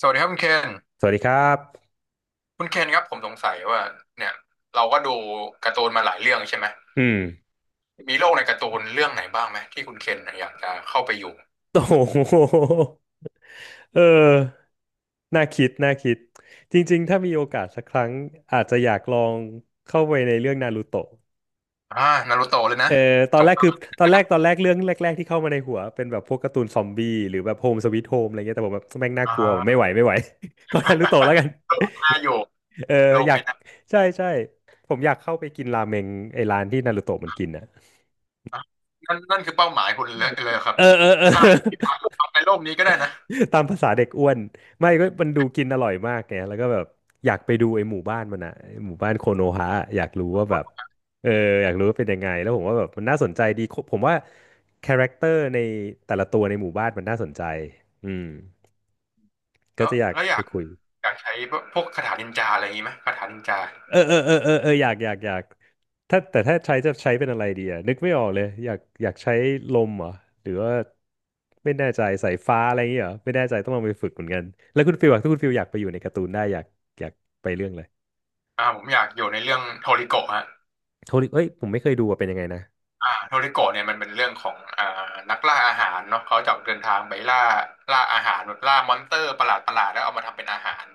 สวัสดีครับคุณเคนสวัสดีครับคุณเคนครับผมสงสัยว่าเนี่ยเราก็ดูการ์ตูนมาหลายเรื่องใช่ไหมอืม มีโลกในการ์ตูนเรื่องไหนบ้างไหมที่คุณเคนอยากจะเข้าไปอยู่โอ้โหเออน่าคิด น่าคิด จริงๆ ถ้ามีโอกาสสักครั้งอาจจะอยากลองเข้าไปในเรื่องนารูโตะอ่านารูโตะเลยนะเออตอสนงแรกคราคือมตอนแรกเรื่องแรกๆที่เข้ามาในหัวเป็นแบบพวกการ์ตูนซอมบี้หรือแบบโฮมสวีทโฮมอะไรเงี้ยแต่ผมแบบแม่งน่าอ่กลัวไม่าไหวไม่ไหว ก็นารูโตะแล้วกัน โลกน่าอยู่ เออโลกอยาไม่กน่าใช่ใช่ผมอยากเข้าไปกินราเมงไอ้ร้านที่นารูโตะมันกินนะอ่ะนั่นคือเป้าหมายคุณเลยครับเออเออเออ น่าทำในโลกนี้ก็ได้นะ ตามภาษาเด็กอ้วนไม่ก็มันดูกินอร่อยมากไงแล้วก็แบบอยากไปดูไอ้หมู่บ้านมันอะไอ้หมู่บ้านโคโนฮะออยากรู้ว่าแบกบดเอออยากรู้ว่าเป็นยังไงแล้วผมว่าแบบมันน่าสนใจดีผมว่าคาแรคเตอร์ในแต่ละตัวในหมู่บ้านมันน่าสนใจอืมก็แล้วจะอยากแล้วอไปยากคุย อยากใช้พวกคาถานินจาอะไรอย่างนี้ไหมคาถานินจาเออเออเออเออเอออยากอยากอยากถ้าแต่ถ้าใช้จะใช้เป็นอะไรดีอะนึกไม่ออกเลยอยากอยากใช้ลมเหรอหรือว่าไม่แน่ใจสายฟ้าอะไรอย่างเงี้ยเหรอไม่แน่ใจต้องลองไปฝึกเหมือนกันแล้วคุณฟิลอะถ้าคุณฟิลอยากไปอยู่ในการ์ตูนได้อยากอยากไปเรื่องเลยผมอยากอยู่ในเรื่องโทริโกะฮะ โทนี่เอ้ยผมไม่เคยดูว่าเป็นยังไงนะโทริโกะเนี่ยมันเป็นเรื่องของนักล่าอาหารเนาะเขาจะออกเดินทางไปล่าอาหารแบบล่ามอนสเตอร์ประหลาดประหลาดแล้วเอามาทำเป็นอาหาร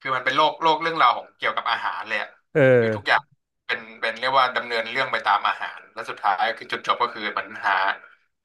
คือมันเป็นโลกเรื่องราวของเกี่ยวกับอาหารเลยอะเอคืออทุกอย่างเป็นเรียกว่าดำเนินเรื่องไปตามอาหารแล้วสุดท้ายคือจุดจบก็คือมันหา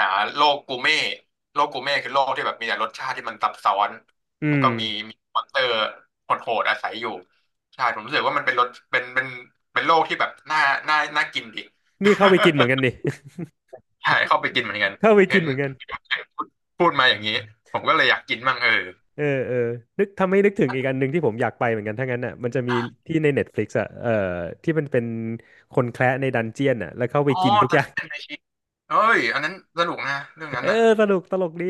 หาโลกกูเม่โลกกูเม่คือโลกที่แบบมีแต่รสชาติที่มันซับซ้อนอืแล้วมก็มีมอนสเตอร์โหดๆอาศัยอยู่ใช่ผมรู้สึกว่ามันเป็นรสเป็นเป็นโลกที่แบบน่าน่าน่ากินดิ นี่เข้าไปกินเหมือนกันดิ ใช่เข้าไปกินเหมือนกันเข้าไปเห็กินนเหมือนกันพูดพูดมาอย่างนี้ผมก็เลยอยากกินบ้างเออเออเออนึกทำให้นึกถึงอีกอันหนึ่งที่ผมอยากไปเหมือนกันถ้างั้นอ่ะมันจะมีที่ใน Netflix อ่ะเออที่มันเป็นคนแคระในดันเจียนอ่ะแล้วเข้าไปอ๋อกินทุกแต่อย่าง เป็นไอชีเอ้ยอันนั้นสนุกนะเรื่องนั้เอนอน่ะสนุกตลกดี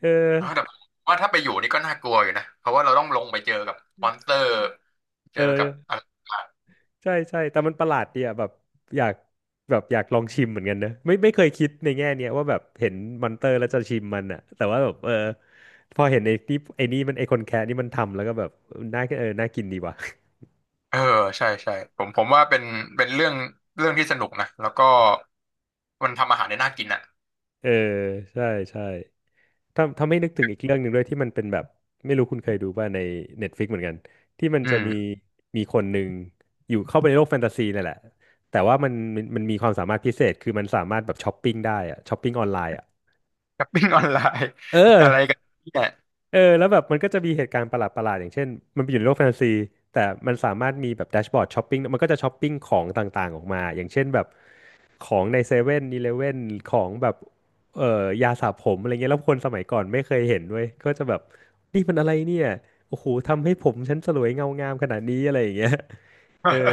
เออเออแต่ว่าถ้าไปอยู่นี่ก็น่ากลัวอยู่นะเพราะว่าเราต้องลงไปเจอกับมอนสเตอร์เจเอออกับอะไรใช่ใช่แต่มันประหลาดดีอ่ะแบบอยากแบบอยากลองชิมเหมือนกันนะไม่ไม่เคยคิดในแง่เนี้ยว่าแบบเห็นมอนเตอร์แล้วจะชิมมันอ่ะแต่ว่าแบบเออพอเห็นไอ้นี่มันไอคนแคะนี่มันทำแล้วก็แบบน่าเออน่ากินดีว่ะ เออใช่ใช่ผมว่าเป็นเป็นเรื่องเรื่องที่สนุกนะแล้วก็มันทำอาหารได้น่ากินอ่ะเออใช่ใช่ ทำให้าไม่นึกถึงอีกเรื่องหนึ่งด้วยที่มันเป็นแบบไม่รู้คุณเคยดูป่ะใน Netflix เหมือนกันที่มันอืจะมีมมีคนหนึ่งอยู่เข้าไปในโลกแฟนตาซีนั่นแหละแต่ว่ามันมีความสามารถพิเศษคือมันสามารถแบบช้อปปิ้งได้อะช้อปปิ้งออนไลน์อะช้อปปิ้งออนไลน์เออะไรกัอนเนี่ย เออแล้วแบบมันก็จะมีเหตุการณ์ประหลาดประหลาดอย่างเช่นมันไปอยู่ในโลกแฟนตาซีแต่มันสามารถมีแบบแดชบอร์ดช้อปปิ้งมันก็จะช้อปปิ้งของต่างๆออกมาอย่างเช่นแบบ ของในเซเว่นอีเลฟเว่นของแบบยาสระผมอะไรเงี้ยแล้วคนสมัยก่อนไม่เคยเห็นเว้ยก็จะแบบนี่มันอะไรเนี่ยโอ้โหทำให้ผมฉันสลวยเงางามขนาดนี้อะไรอย่างเงี้ย เออ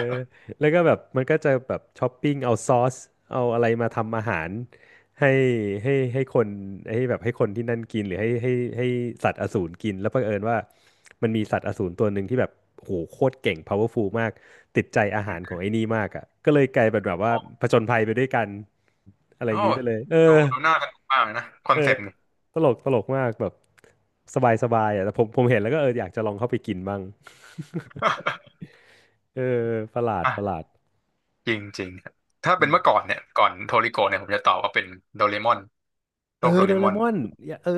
แล้วก็แบบมันก็จะแบบช้อปปิ้งเอาซอสเอาอะไรมาทำอาหารให้คนให้แบบให้คนที่นั่นกินหรือให้สัตว์อสูรกินแล้วเผอิญว่ามันมีสัตว์อสูรตัวหนึ่งที่แบบโหโคตรเก่ง powerful มากติดใจอาหารของไอ้นี่มากอ่ะก็เลยกลายเป็นแบบว่าผจญภัยไปด้วยกันอะไรอโอ้ย่างนี้โหไปเลยเอดูอดูน่าสนุกมากเลยนะคอนเอเซอปต์นี่ ตลกตลกมากแบบสบายสบายอ่ะแต่ผมผมเห็นแล้วก็เอออยากจะลองเข้าไปกินบ้าง เออประหลาดประห ลาด จริงจริงครับถ้าเป็นเมื่อก่อนเนี่ยก่อนโทริโกะเนี่ยผมจะตอบว่าเป็นโดเรมอนเอโลอกโดโดเรมเรอน มอนอย่าเออ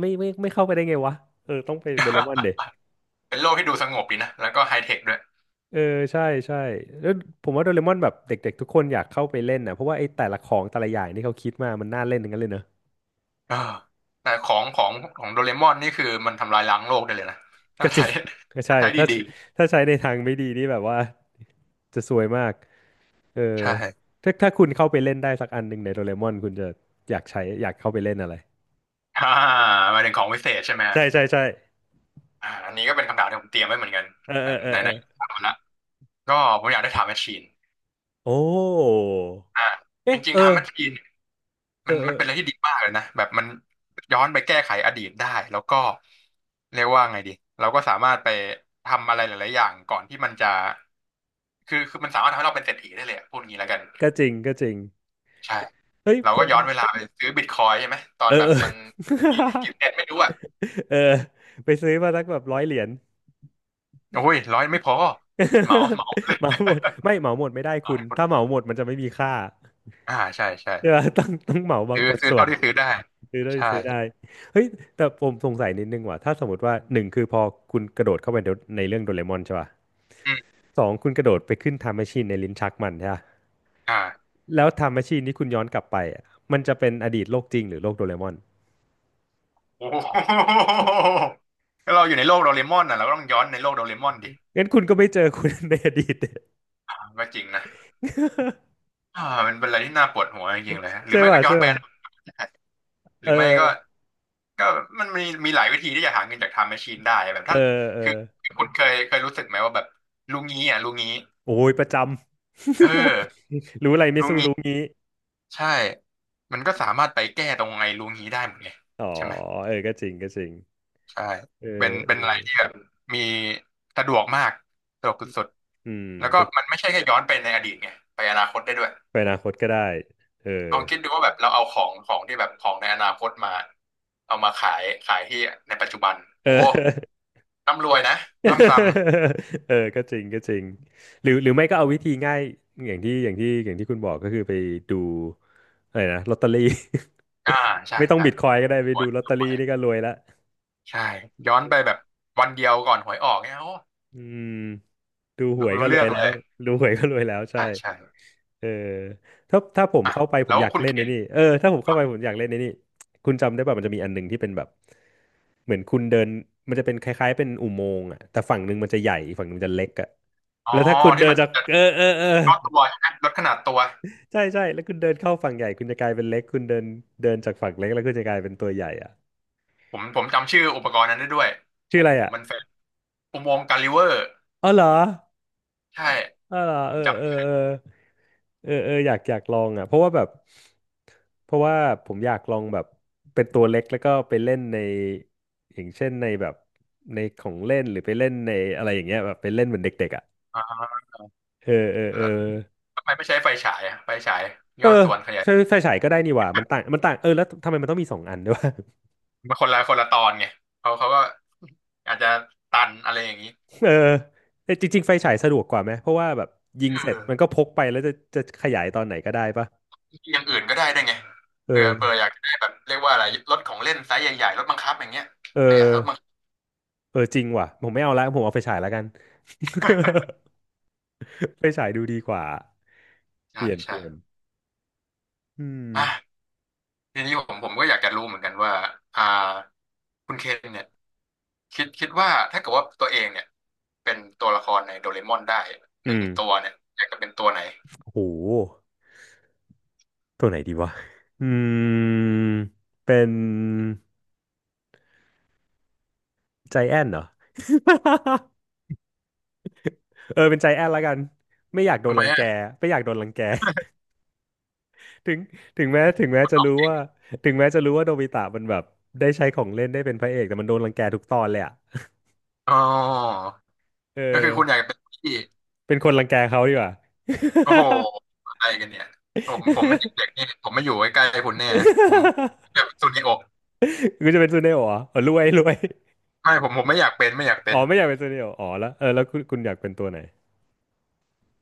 ไม่ไม่ไม่เข้าไปได้ไงวะเออต้องไปโดเรมอนเด็ เป็นโลกที่ดูสงบดีนะแล้วก็ไฮเทคด้วยเออใช่ใช่แล้วผมว่าโดเรมอนแบบเด็กๆทุกคนอยากเข้าไปเล่นนะเพราะว่าไอ้แต่ละของแต่ละอย่างที่เขาคิดมามันน่าเล่นทั้งนั้นเลยเนอะเออแต่ของของของโดเรมอนนี่คือมันทำลายล้างโลกได้เลยนะถ้าก็จใช้ ริง ก็ใช่ ใช้ถ้าดีถ้าใช้ในทางไม่ดีนี่แบบว่าจะซวยมากเออๆใช่ถ้าถ้าคุณเข้าไปเล่นได้สักอันหนึ่งในโดเรมอนคุณจะอยากใช้อยากเข้าไปเล่นอะไรอ่าหมายถึงของวิเศษใช่ไหมฮะใช่ใช่ใช่อันนี้ก็เป็นคำถามที่ผมเตรียมไว้เหมือนกันเออไหนเออเออไหนเอไหนอถามมาละก็ผมอยากได้ถามแมชชีนโอ้อ่าจเอ๊ะริงเอๆถามอแมชชีน เอมันอเออเป็นอะไรที่ดีมากเลยนะแบบมันย้อนไปแก้ไขอดีตได้แล้วก็เรียกว่าไงดีเราก็สามารถไปทำอะไรหลายๆอย่างก่อนที่มันจะคือมันสามารถทำให้เราเป็นเศรษฐีได้เลยอะพูดงี้แล้วกันก็จริงก็จริงใช่เฮ้ยเราผก็ม ย้อนเวลาไปซื้อบิตคอยน์ใช่ไหมตอเอนอแบบเออ มันกี่ เซนไม่รู้อ่ะเออไปซื้อมาสักแบบ100 เหรียญ โอ้ยร้อยไม่พอเหมาเหมาเล ย เหมาหมดไม่เหมาหมดไม่ได้ ตออคุณให้คนถ้าเหมาหมดมันจะไม่มีค่าใช่ใช่ใช่ปะต้องต้องเหมาบางซื้อบางซื้อส่วเท่านที่ซื้อได้ซื้อได้ใช่ซื้อได้เฮ้ยแต่ผมสงสัยนิดนึงว่ะถ้าสมมติว่าหนึ่งคือพอคุณกระโดดเข้าไปในในเรื่องโดเรมอนใช่ป่ะอืมสองคุณกระโดดไปขึ้นไทม์แมชชีนในลิ้นชักมันใช่ป่ะอ่าแล้วไทม์แมชชีนที่คุณย้อนกลับไปอะมันจะเป็นอดีตโลกจริงหรือโลกโดเรมอนโอ้โห ก็เราอยู่ในโลกโดเรมอนน่ะเราก็ต้องย้อนในโลกโดเรมอนดิ งั้นคุณก็ไม่เจอคุณ ในอดีต ก็จริงนะ อ่ามันเป็นอะไรที่น่าปวดหัวจริงๆเลยฮะหรือใช่ไม่ก็ป่ะย้อใช่นแบรป่ะนด์หรืเออไม่อก็ก็มันมีหลายวิธีที่จะหาเงินจากไทม์แมชชีนได้แบบเออท่านเออ คือคุณเคยรู้สึกไหมว่าแบบลุงงี้อ่ะลุงงี้โอ้ยประจำ เออ รู้อะไรไม่ลุงสู้งี้รู้งี้ใช่มันก็สามารถไปแก้ตรงไอ้ลุงงี้ได้หมดไงอ๋อใช่ไหมเออก็จริงก็จริงใช่เออเป็นเออะไรอที่แบบมีสะดวกมากสะดวกสุดอืมๆแล้วก็ก็มันไม่ใช่แค่ย้อนไปในอดีตไงไปอนาคตได้ด้วย ไปอนาคตก็ได้เออลองคิดดูว่าแบบเราเอาของของที่แบบของในอนาคตมาเอามาขายขายที่ในปัจจุบันเอโอ้อ ร่ำรวยนะร่ำซ้ เออก็จริงก็จริงหรือหรือไม่ก็เอาวิธีง่ายอย่างที่คุณบอกก็คือไปดูอะไรนะลอตเตอรี่ ำใช่ ไม่ต้องใช่บิตคอยก็ได้ไปรวดูยลอตรเตอวรี่นี่ยก็รวยละใช่ย้อนไปแบบวันเดียวก่อนหวยออกเนี่ยโอ้อืมดูหรู้วยก็รู้รเรื่วอยงแล้เลวยดูหวยก็รวยแล้วใช่ ใช่ใช่เออถ้าผมอ่ะเข้าไปผแล้มวอยากคุณเล่เคนในนนี่เออถ้าผมเข้าไปผมอยากเล่นในนี่คุณจำได้ป่ะมันจะมีอันหนึ่งที่เป็นแบบเหมือนคุณเดินมันจะเป็นคล้ายๆเป็นอุโมงค์อ่ะแต่ฝั่งหนึ่งมันจะใหญ่อีกฝั่งหนึ่งมันจะเล็กอ่ะอ๋อแล้วถ้าคุณที่เดิมันนจากจะลเออเออเออดตัวใช่ไหมลดขนาดตัวใช่ใช่แล้วคุณเดินเข้าฝั่งใหญ่คุณจะกลายเป็นเล็กคุณเดินเดินจากฝั่งเล็กแล้วคุณจะกลายเป็นตัวใหญ่อ่ะผมจำชื่ออุปกรณ์นั้นได้ด้วยผชื่ออะมไรอ่ะมันเฟซอุโมงค์กาลิเวอร์อ๋อเหรอ ใช่อ่าผเอมอจเออเออเออเอออยากอยากลองอ่ะเพราะว่าแบบเพราะว่าผมอยากลองแบบเป็นตัวเล็กแล้วก็ไปเล่นในอย่างเช่นในแบบในของเล่นหรือไปเล่นในอะไรอย่างเงี้ยแบบไปเล่นเหมือนเด็กๆอ่ะำเออเออเออแล้วทำไมไม่ใช้ไฟฉายอะไฟฉายเอย่ออส่วนขยาย ใช้ไฟฉายก็ได้นี่หว่ามันต่างเออแล้วทำไมมันต้องมีสองอันด้วยวะมันคนละตอนไงเขาก็อาจจะตันอะไรอย่างนี้เออแต่จริงๆไฟฉายสะดวกกว่าไหมเพราะว่าแบบยิงเสร็จมันเออก็พกไปแล้วจะขยายตอนไหนก็ได้ปะอย่างอื่นก็ได้ได้วยไงเผื่อเอออยากได้แบบเรียกว่าอะไรรถของเล่นไซส์ใหญ่ๆรถบังคับอย่างเงี้ยเอขยายอ รถบังคับเออจริงว่ะผมไม่เอาละผมเอาไฟฉายแล้วกัน ไฟฉายดูดีกว่าเปใช่ลี่ยนเปลี่ยนใช่อืมอ่ะทีนี้ผมก็อยากจะรู้เหมือนกันว่าอ่าคุณเคนเนี่ยคิดว่าถ้าเกิดว่าตัวเองเนี่ยเป็นตัวละครในโดเรมอนได้หอืนึ่งมตัวเนี่ยอยากจะเป็นตัวไหนโอ้โหตัวไหนดีวะอืมเป็นใจแอนเหรอ เออเป็นใจแอนแล้วกันไม่อยากโดทำนไมรังแกอ่ะไม่อยากโดนรังแก ถึงถึงแม้จะรู้ว่าถึงแม้จะรู้ว่าโนบิตะมันแบบได้ใช้ของเล่นได้เป็นพระเอกแต่มันโดนรังแกทุกตอนเลยอะอ๋อเออก็คือคุณอยากจะเป็นพี่ เป็นคนรังแกเขาดีกว่า โอ้โหอะไรกันเนี่ยผมเป็น เด็กๆนี่ผมไม่อยู่ใกล้ๆคุณแน่ผม แบากเปนซูนิโอะคุณจะเป็นซูเนโอะเหรออ๋อรวยรวย ไม่ผมไม่อยากเป็นไม่อยาก เป็อ๋อนไม่อยากเป็นซูเนโอะอ๋อแล้วเออแล้วคุณอยากเป็นตัวไหน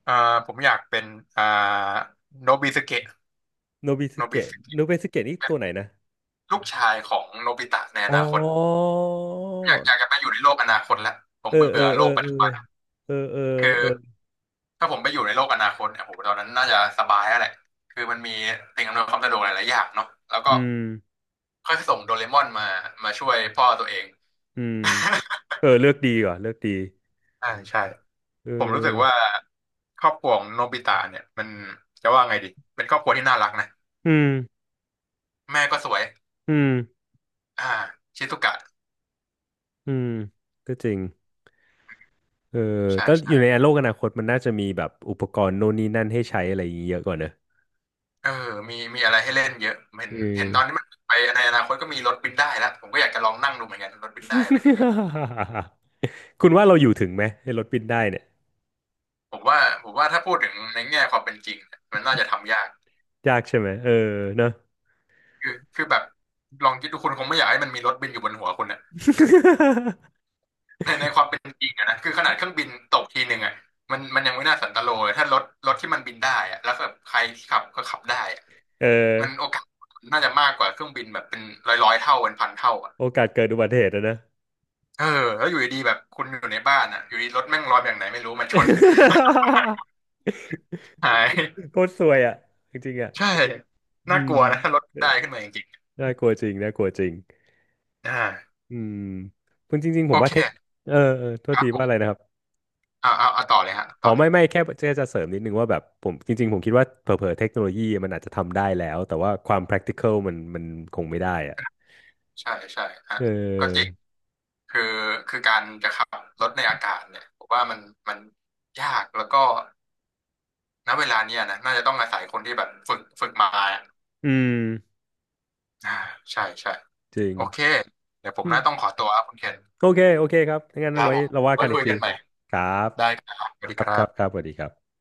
อ่าผมอยากเป็นอ่าโนบิสเกะโนบิสโนบิสเกะโนเกะบิสเกะนี่เป็นตัวไหนนะลูกชายของโนบิตะในออ๋อนาคตอยากจะไปอยู่ในโลกอนาคตแล้วผมเออเอเบื่ออโลเออกปัจเออจุบันเออเออคือเออถ้าผมไปอยู่ในโลกอนาคตเนี่ยโหตอนนั้นน่าจะสบายแล้วแหละคือมันมีสิ่งอำนวยความสะดวกหลายๆอย่างเนาะแล้วก็อืมค่อยส่งโดเรมอนมามาช่วยพ่อตัวเอง อืมเออเลือกดีว่ะเลือกดี ใช่ใช่ เออผมรู้สึกว่าครอบครัวของโนบิตะเนี่ยมันจะว่าไงดีเป็นครอบครัวที่น่ารักนะอืมแม่ก็สวยอืมอ่าชิซุกะอืมก็จริงเออใช่แต่อใช่ยู่ในโลกอนาคตมันน่าจะมีแบบอุปกรณ์โน่นนี่นั่นให้ใช้อะไรอย่างงี้เยอะกว่าเนอะเออมีอะไรให้เล่นเยอะเอเห็นตอนนี้อ มันไปในอนาคตก็มีรถบินได้แล้วผมก็อยากจะลองนั่งดูเหมือนกันรถบินได้เป็นยังไง คุณว่าเราอยู่ถึงไหมไอ้รถบินได้เนี่ย ผมว่าผมว่าถ้าพูดถึงในแง่ความเป็นจริงเนี่ยมันน่าจะทำยากยากใช่ไหมเออเนอะ คือแบบลองคิดดูคุณคงไม่อยากให้มันมีรถบินอยู่บนหัวคุณนะ ในความเป็นจริงอะนะคือขนาดเครื่องบินตกทีหนึ่งอะมันยังไม่น่าสันตโลเลยถ้ารถที่มันบินได้อะแล้วแบบใครที่ขับก็ขับได้อะเออ มันโอกาสน่าจะมากกว่าเครื่องบินแบบเป็นร้อยเท่าเป็นพันเท่าอะโอกาสเกิดอุบัติเหตุอะนะ เออแล้วอยู่ดีๆแบบคุณอยู่ในบ้านอะอยู่ดีรถแม่งลอยแบบไหนไม่รู้มาชน มาชน หายโคตรซวยอ่ะ จริงๆอ่ะ ใช่อืน่ากมลัวนะถ้ารถเออได้ขึ้นมาจริงน่ากลัวจริงน่ากลัวจริง ๆอืมคุณจริงๆผโอมว่าเคเทคเออเออ โทคษรัทีว่าบอะไรนะครับ เอาต่อเลยฮะอ๋ต่อ อเลยไม่ไม่แค่จะเสริมนิดนึงว่าแบบผมจริงๆผมคิดว่าเผลอๆเทคโนโลยีมันอาจจะทำได้แล้วแต่ว่าความ practical มันคงไม่ได้อ่ะใช่ใช่ฮะเอก็จริง อคือคือการจะขับรถในอากาศเนี่ยผมว่ามันยากแล้วก็ณเวลาเนี้ยนะน่าจะต้องอาศัยคนที่แบบฝึกมาอืมอ่าใช่ใช่จริง โอเคเดี๋ยวผมน่าต้องขอตัวครับคุณเคนโอเค โอเคครับงั้นคเอารับไว้ผมเราว่าไว้กันอีคุกยกัที นใหม่ครับ ได้ครับสวัสดีครัคบ ครัรับครับบสวัสดีครับ